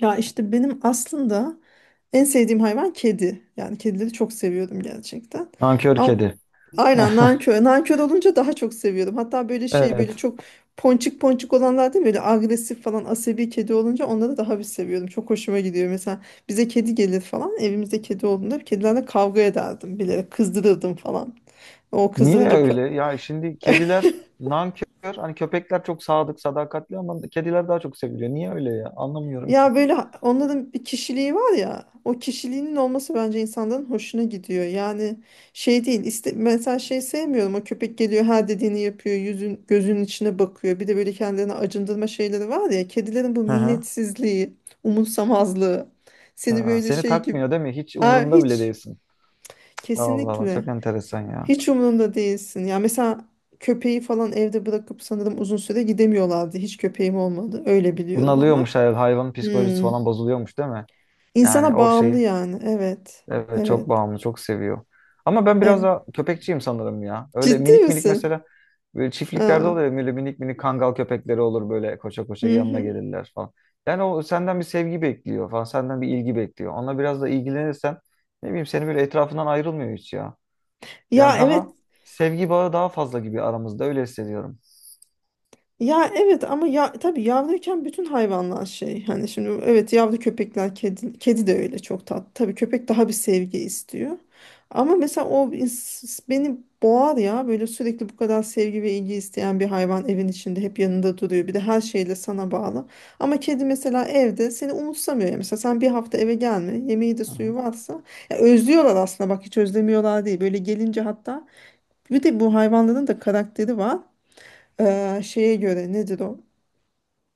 Ya işte benim aslında en sevdiğim hayvan kedi. Yani kedileri çok seviyordum gerçekten. Nankör Ama kedi. aynen nankör. Nankör olunca daha çok seviyordum. Hatta böyle şey böyle Evet. çok ponçik ponçik olanlar değil mi? Böyle agresif falan asabi kedi olunca onları daha bir seviyordum. Çok hoşuma gidiyor. Mesela bize kedi gelir falan. Evimizde kedi olduğunda kedilerle kavga ederdim. Bilerek kızdırırdım falan. O Niye kızdırınca pa- öyle? Ya şimdi kediler nankör. Hani köpekler çok sadık, sadakatli ama kediler daha çok seviliyor. Niye öyle ya? Anlamıyorum ki. Ya böyle onların bir kişiliği var ya, o kişiliğinin olması bence insanların hoşuna gidiyor. Yani şey değil iste, mesela şey sevmiyorum, o köpek geliyor her dediğini yapıyor, yüzün gözünün içine bakıyor. Bir de böyle kendilerini acındırma şeyleri var ya, kedilerin bu Hı hı. minnetsizliği, umursamazlığı seni Ha, böyle seni şey gibi. takmıyor değil mi? Hiç Aa, umurunda bile hiç, değilsin. Allah Allah, kesinlikle çok enteresan ya. hiç umurunda değilsin. Ya mesela köpeği falan evde bırakıp sanırım uzun süre gidemiyorlardı, hiç köpeğim olmadı, öyle biliyorum ama. Bunalıyormuş, hayvan psikolojisi Hmm. falan bozuluyormuş değil mi? Yani İnsana o bağımlı şey. yani. Evet. Evet, Evet. çok bağımlı, çok seviyor. Ama ben biraz Evet. daha köpekçiyim sanırım ya. Öyle Ciddi minik minik misin? mesela böyle çiftliklerde Aa. oluyor ya, böyle minik minik kangal köpekleri olur, böyle koşa koşa Hı yanına hı. gelirler falan. Yani o senden bir sevgi bekliyor falan, senden bir ilgi bekliyor. Ona biraz da ilgilenirsen ne bileyim, seni böyle etrafından ayrılmıyor hiç ya. Yani Ya daha evet. sevgi bağı daha fazla gibi aramızda, öyle hissediyorum. Ya evet, ama ya tabii yavruyken bütün hayvanlar şey, hani şimdi evet yavru köpekler, kedi kedi de öyle çok tatlı. Tabii köpek daha bir sevgi istiyor. Ama mesela beni boğar ya, böyle sürekli bu kadar sevgi ve ilgi isteyen bir hayvan evin içinde hep yanında duruyor. Bir de her şeyle sana bağlı. Ama kedi mesela evde seni umursamıyor ya. Mesela sen bir hafta eve gelme. Yemeği de Hı suyu hı. varsa, ya özlüyorlar aslında, bak hiç özlemiyorlar değil. Böyle gelince, hatta bir de bu hayvanların da karakteri var. Şeye göre nedir o?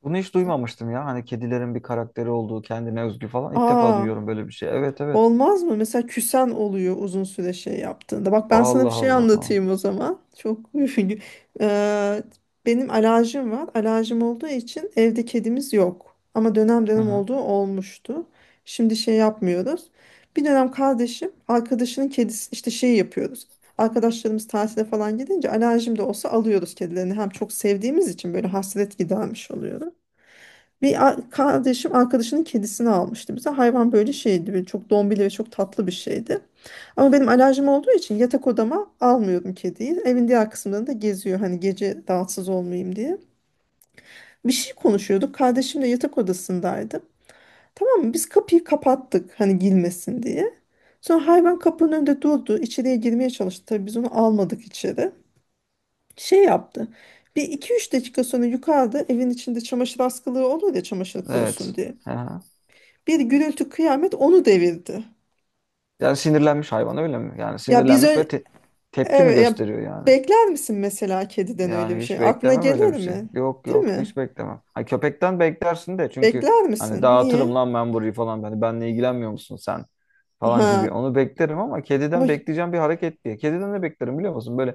Bunu hiç duymamıştım ya. Hani kedilerin bir karakteri olduğu, kendine özgü falan. İlk defa Aa, duyuyorum böyle bir şey. Evet, evet. olmaz mı? Mesela küsen oluyor uzun süre şey yaptığında. Bak ben sana bir Allah şey Allah. anlatayım o zaman. Çok Eee, benim alerjim var. Alerjim olduğu için evde kedimiz yok. Ama dönem Hı dönem hı. olduğu olmuştu. Şimdi şey yapmıyoruz. Bir dönem kardeşim arkadaşının kedisi işte şey yapıyoruz. Arkadaşlarımız tatile falan gidince alerjim de olsa alıyoruz kedilerini. Hem çok sevdiğimiz için böyle hasret gidermiş oluyoruz. Kardeşim arkadaşının kedisini almıştı bize. Hayvan böyle şeydi, böyle çok dombili ve çok tatlı bir şeydi. Ama benim alerjim olduğu için yatak odama almıyordum kediyi. Evin diğer kısımlarında geziyor, hani gece rahatsız olmayayım diye. Bir şey konuşuyorduk. Kardeşim de yatak odasındaydı. Tamam mı? Biz kapıyı kapattık hani girmesin diye. Sonra hayvan kapının önünde durdu, içeriye girmeye çalıştı. Tabii biz onu almadık içeri. Şey yaptı. Bir iki üç dakika sonra yukarıda evin içinde çamaşır askılığı olur ya, çamaşır kurusun Evet. diye, Aha. bir gürültü kıyamet, onu devirdi. Yani sinirlenmiş hayvan öyle mi? Yani Ya biz sinirlenmiş ve ö- tepki mi evet ya, gösteriyor yani? bekler misin mesela kediden öyle bir Yani hiç şey? Aklına beklemem öyle gelir bir şey. mi? Yok Değil yok, hiç mi? beklemem. Ha, köpekten beklersin de çünkü Bekler hani misin? Niye? dağıtırım lan ben burayı falan. Hani benle ilgilenmiyor musun sen falan Ha gibi. Onu beklerim ama ama kediden bekleyeceğim bir hareket diye. Kediden de beklerim, biliyor musun? Böyle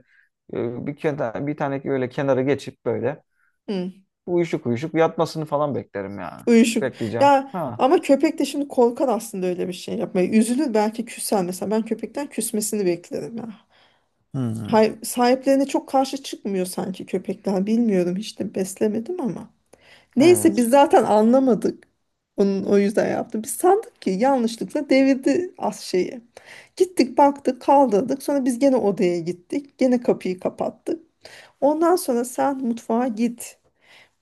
bir tane böyle kenara geçip böyle hı, uyuşuk uyuşuk yatmasını falan beklerim yani. uyuşuk. Bekleyeceğim. Ya Ha. ama köpek de şimdi korkar aslında öyle bir şey yapmaya. Üzülür belki, küser mesela. Ben köpekten küsmesini beklerim ya. Hmm. Hay, sahiplerine çok karşı çıkmıyor sanki köpekler. Bilmiyorum, hiç de beslemedim ama. Neyse biz Evet. zaten anlamadık onun o yüzden yaptı. Biz sandık ki yanlışlıkla devirdi az şeyi. Gittik baktık kaldırdık. Sonra biz gene odaya gittik. Gene kapıyı kapattık. Ondan sonra sen mutfağa git.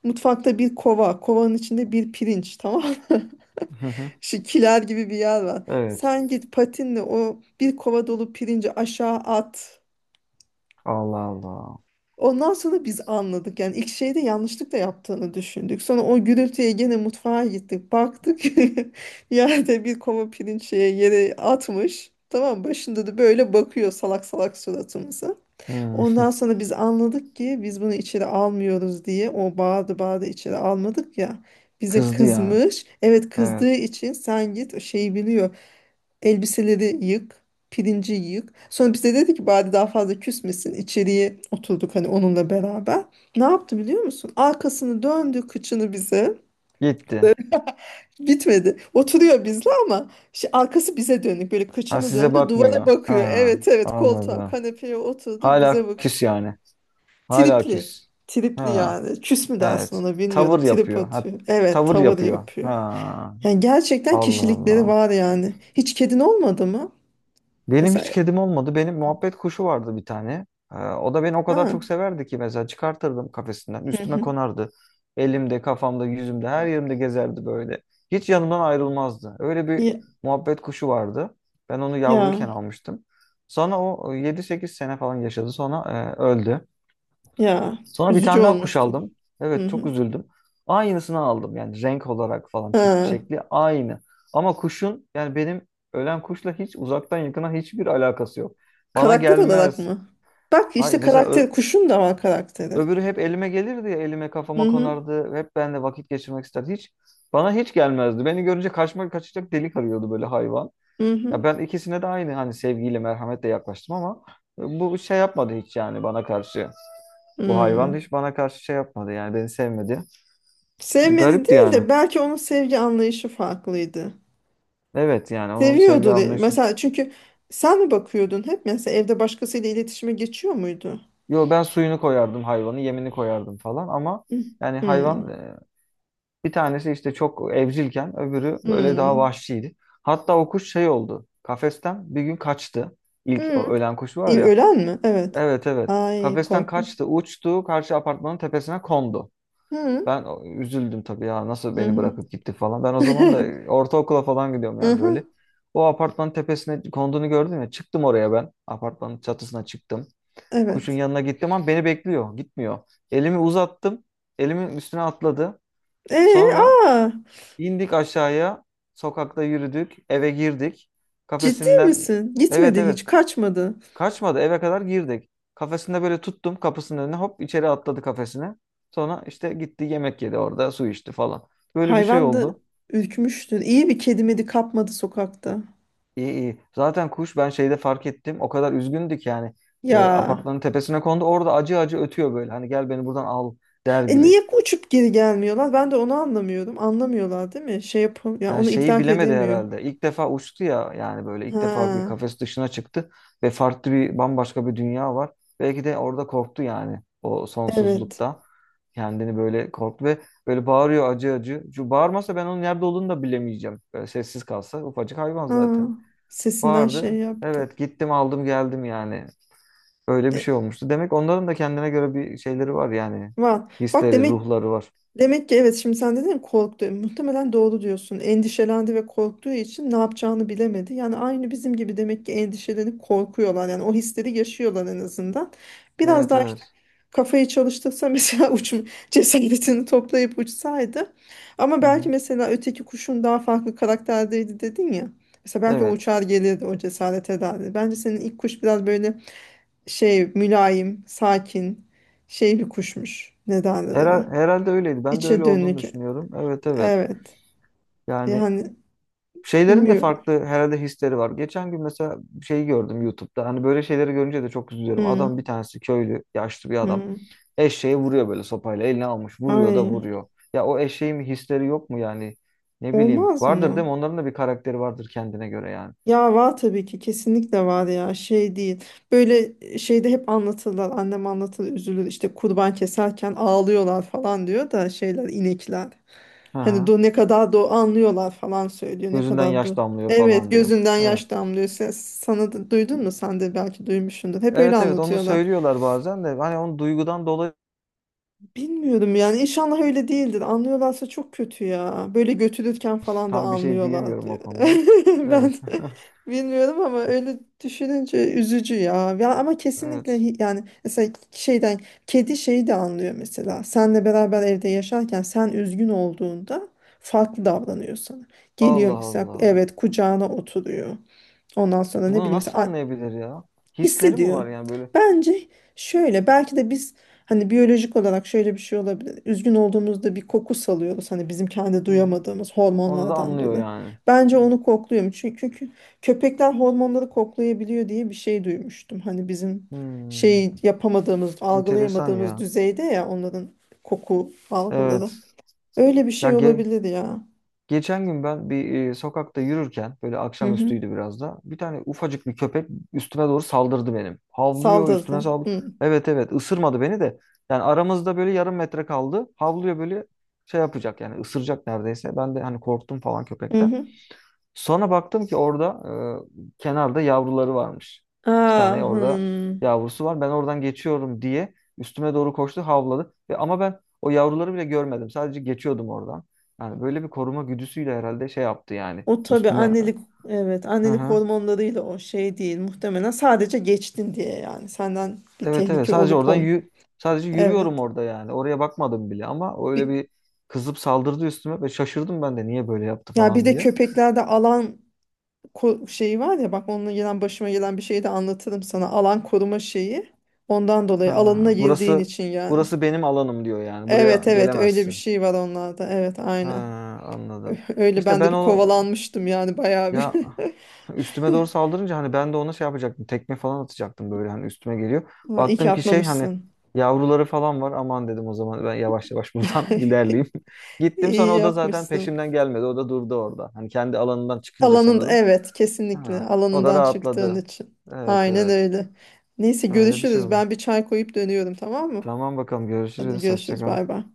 Mutfakta bir kova. Kovanın içinde bir pirinç, tamam mı? Hı hı. Şu kiler gibi bir yer var. Evet. Sen git patinle o bir kova dolu pirinci aşağı at. Allah Allah. Ondan sonra biz anladık yani, ilk şeyde yanlışlıkla yaptığını düşündük. Sonra o gürültüye gene mutfağa gittik. Baktık yerde bir kova pirinç şeye, yere atmış. Tamam mı? Başında da böyle bakıyor salak salak suratımıza. Hmm. Ondan sonra biz anladık ki, biz bunu içeri almıyoruz diye o bağırdı bağırdı, içeri almadık ya. Bize Kızdı yani. kızmış. Evet, kızdığı Evet. için sen git şeyi biliyor. Elbiseleri yık, pirinci yık. Sonra bize dedi ki bari daha fazla küsmesin. İçeriye oturduk hani onunla beraber. Ne yaptı biliyor musun? Arkasını döndü, kıçını bize. Gitti. Böyle. Bitmedi. Oturuyor bizle, ama arkası bize dönük. Böyle Ha, kıçını size döndü, duvara bakmıyor. bakıyor. Ha, Evet evet, koltuğa, anladım. kanepeye oturdu Hala bize bak. küs yani. Hala Tripli. küs. Tripli Ha, yani. Küs mü dersin evet. ona bilmiyorum. Tavır Trip yapıyor. Ha, atıyor. Evet tavır tavır yapıyor. yapıyor. Ha. Yani gerçekten Allah kişilikleri Allah. var yani. Hiç kedin olmadı mı? Benim hiç Mesela kedim olmadı. Benim muhabbet kuşu vardı bir tane. O da beni o kadar ha. çok severdi ki mesela çıkartırdım kafesinden. Hı Üstüme hı. konardı. Elimde, kafamda, yüzümde, her yerimde gezerdi böyle. Hiç yanımdan ayrılmazdı. Öyle bir Ya, muhabbet kuşu vardı. Ben onu ya, yavruyken almıştım. Sonra o e, 7-8 sene falan yaşadı. Sonra öldü. ya. Sonra bir Üzücü tane daha kuş olmuştu. aldım. Hı Evet, çok hı. üzüldüm. Aynısını aldım yani, renk olarak falan, tip Ha, şekli aynı. Ama kuşun yani, benim ölen kuşla hiç uzaktan yakına hiçbir alakası yok. Bana karakter olarak gelmez. mı? Bak Hay işte mesela karakter, kuşun da var karakteri. öbürü hep elime gelirdi ya, elime kafama Hı hı, konardı. Hep benimle vakit geçirmek isterdi. Hiç bana hiç gelmezdi. Beni görünce kaçmak, kaçacak delik arıyordu böyle hayvan. hı Ya hı. ben ikisine de aynı hani sevgiyle merhametle yaklaştım ama bu şey yapmadı hiç yani bana karşı. Bu hayvan Hmm. hiç bana karşı şey yapmadı yani, beni sevmedi. Sevmedi Garipti değil yani. de, belki onun sevgi anlayışı farklıydı. Evet yani, onun sevgi anlayışı. Mesela çünkü sen mi bakıyordun hep? Mesela evde başkasıyla iletişime geçiyor muydu? Yo, ben suyunu koyardım hayvanı, yemini koyardım falan ama Hı. yani Hmm. hayvan bir tanesi işte çok evcilken öbürü böyle daha Hmm. vahşiydi. Hatta o kuş şey oldu. Kafesten bir gün kaçtı. İlk Hmm. o ölen kuş var ya. Ölen mi? Evet. Evet, evet. Ay Kafesten korkunç. kaçtı, uçtu, karşı apartmanın tepesine kondu. Hı hı. Ben üzüldüm tabii ya, nasıl Hı beni hı. bırakıp gitti falan. Ben o zaman da ortaokula falan gidiyorum yani Hı. böyle. O apartmanın tepesine konduğunu gördüm ya, çıktım oraya ben. Apartmanın çatısına çıktım. Kuşun Evet. yanına gittim ama beni bekliyor, gitmiyor. Elimi uzattım. Elimin üstüne atladı. Ee, Sonra aa, indik aşağıya. Sokakta yürüdük. Eve girdik. ciddi Kafesinden misin? evet Gitmedi evet. hiç, kaçmadı. Kaçmadı, eve kadar girdik. Kafesinde böyle tuttum, kapısının önüne hop içeri atladı kafesine. Sonra işte gitti, yemek yedi orada, su içti falan. Böyle bir şey Hayvan da oldu. ürkmüştür. İyi bir kedi medi kapmadı sokakta. İyi iyi. Zaten kuş, ben şeyde fark ettim, o kadar üzgündü ki yani Ya. apartmanın tepesine kondu, orada acı acı ötüyor böyle. Hani gel beni buradan al der E gibi. niye uçup geri gelmiyorlar? Ben de onu anlamıyorum. Anlamıyorlar değil mi? Şey yapam ya, Yani onu şeyi idrak bilemedi edemiyor. herhalde. İlk defa uçtu ya yani, böyle ilk defa bir Ha, kafes dışına çıktı ve farklı bir, bambaşka bir dünya var. Belki de orada korktu yani, o evet. sonsuzlukta kendini böyle korktu ve böyle bağırıyor acı acı. Şu bağırmasa ben onun nerede olduğunu da bilemeyeceğim. Böyle sessiz kalsa, ufacık hayvan zaten. Ha, sesinden şey Bağırdı. yaptım. Evet, gittim aldım geldim yani. Öyle bir E, şey olmuştu. Demek onların da kendine göre bir şeyleri var yani. var. Bak Hisleri, demek. ruhları var. Demek ki evet, şimdi sen dedin ya korktu. Muhtemelen doğru diyorsun. Endişelendi ve korktuğu için ne yapacağını bilemedi. Yani aynı bizim gibi demek ki endişelenip korkuyorlar. Yani o hisleri yaşıyorlar en azından. Biraz Evet, daha işte evet. kafayı çalıştırsa mesela uçum cesaretini toplayıp uçsaydı. Ama Hı belki hı. mesela öteki kuşun daha farklı karakterdeydi dedin ya. Mesela belki o Evet. uçar gelirdi, o cesaret ederdi. Bence senin ilk kuş biraz böyle şey, mülayim, sakin, şey bir kuşmuş. Ne derler ona? Herhalde öyleydi. Ben de öyle İçe olduğunu dönük. düşünüyorum. Evet, evet. Evet. Yani Yani şeylerin de bilmiyorum. farklı herhalde hisleri var. Geçen gün mesela şeyi gördüm YouTube'da. Hani böyle şeyleri görünce de çok üzülüyorum. Hmm, Adam, bir tanesi köylü, yaşlı bir adam. hmm. Eşeğe vuruyor böyle sopayla. Eline almış. Vuruyor da Ay, vuruyor. Ya o eşeğin bir hisleri yok mu yani? Ne bileyim. olmaz Vardır mı? değil mi? Onların da bir karakteri vardır kendine göre yani. Ya var tabii ki, kesinlikle var ya, şey değil. Böyle şeyde hep anlatırlar, annem anlatır, üzülür işte kurban keserken ağlıyorlar falan diyor da, şeyler inekler. Hı Hani hı. do ne kadar do anlıyorlar falan söylüyor, ne Gözünden kadar yaş do. damlıyor Evet falan diyor. gözünden Evet. yaş damlıyor. Sana da duydun mu? Sen de belki duymuşsundur. Hep öyle Evet evet, onu anlatıyorlar. söylüyorlar bazen de. Hani onu duygudan dolayı Bilmiyorum yani, inşallah öyle değildir. Anlıyorlarsa çok kötü ya. Böyle götürürken falan da tam bir şey anlıyorlar diyemiyorum o diyor. konuda. Evet. Ben bilmiyorum ama öyle düşününce üzücü ya. Ya ama kesinlikle Evet. Yani mesela şeyden kedi şeyi de anlıyor mesela. Senle beraber evde yaşarken sen üzgün olduğunda farklı davranıyor sana. Geliyor Allah mesela, Allah. evet kucağına oturuyor. Ondan sonra ne Bunu bileyim nasıl mesela anlayabilir ya? Hisleri mi hissediyor. var yani böyle? Bence şöyle, belki de biz hani biyolojik olarak şöyle bir şey olabilir. Üzgün olduğumuzda bir koku salıyoruz hani, bizim kendi Hı. Hı. duyamadığımız Onu da hormonlardan anlıyor dolayı. yani. Bence onu kokluyorum çünkü, köpekler hormonları koklayabiliyor diye bir şey duymuştum. Hani bizim Hmm. şey yapamadığımız, Enteresan algılayamadığımız ya. düzeyde ya onların koku algıları. Evet. Öyle bir Ya şey olabilir ya. geçen gün ben bir sokakta yürürken, böyle Hı hı. akşamüstüydü biraz da, bir tane ufacık bir köpek üstüme doğru saldırdı benim. Havlıyor, üstüme Saldırdı. saldırdı. Hı Evet evet, ısırmadı beni de. Yani aramızda böyle yarım metre kaldı. Havlıyor böyle, şey yapacak yani, ısıracak neredeyse. Ben de hani korktum falan hı. köpekten. Hı. Sonra baktım ki orada kenarda yavruları varmış. İki Aa, tane orada hmm. yavrusu var. Ben oradan geçiyorum diye üstüme doğru koştu, havladı. Ve ama ben o yavruları bile görmedim. Sadece geçiyordum oradan. Yani böyle bir koruma güdüsüyle herhalde şey yaptı yani O tabii üstüme. annelik, evet Hı annelik hı. hormonlarıyla, o şey değil muhtemelen, sadece geçtin diye, yani senden bir Evet evet, tehlike sadece olup oradan ol. Sadece Evet. yürüyorum orada yani. Oraya bakmadım bile ama o öyle Bir, bir kızıp saldırdı üstüme ve şaşırdım ben de, niye böyle yaptı ya bir falan de diye. köpeklerde alan şeyi var ya, bak onunla gelen başıma gelen bir şeyi de anlatırım sana. Alan koruma şeyi. Ondan dolayı, alanına Ha, girdiğin burası, için yani. burası benim alanım diyor yani. Buraya Evet evet öyle bir gelemezsin. şey var onlarda. Evet Ha, aynen. anladım. Öyle İşte ben de ben bir onu kovalanmıştım yani bayağı bir. ya üstüme doğru saldırınca hani ben de ona şey yapacaktım. Tekme falan atacaktım, böyle hani üstüme geliyor. Ha, İyi ki Baktım ki şey, hani atmamışsın. yavruları falan var. Aman dedim, o zaman ben yavaş yavaş buradan ilerleyeyim. Gittim İyi sonra, o da zaten yapmışsın. peşimden gelmedi. O da durdu orada. Hani kendi alanından çıkınca Alanında, sanırım. evet kesinlikle Ha, o da alanından çıktığın rahatladı. için. Evet, Aynen evet. öyle. Neyse Öyle bir şey görüşürüz. Ben oldu. bir çay koyup dönüyorum tamam mı? Tamam bakalım, Hadi görüşürüz. Hoşça görüşürüz, kal. bay bay.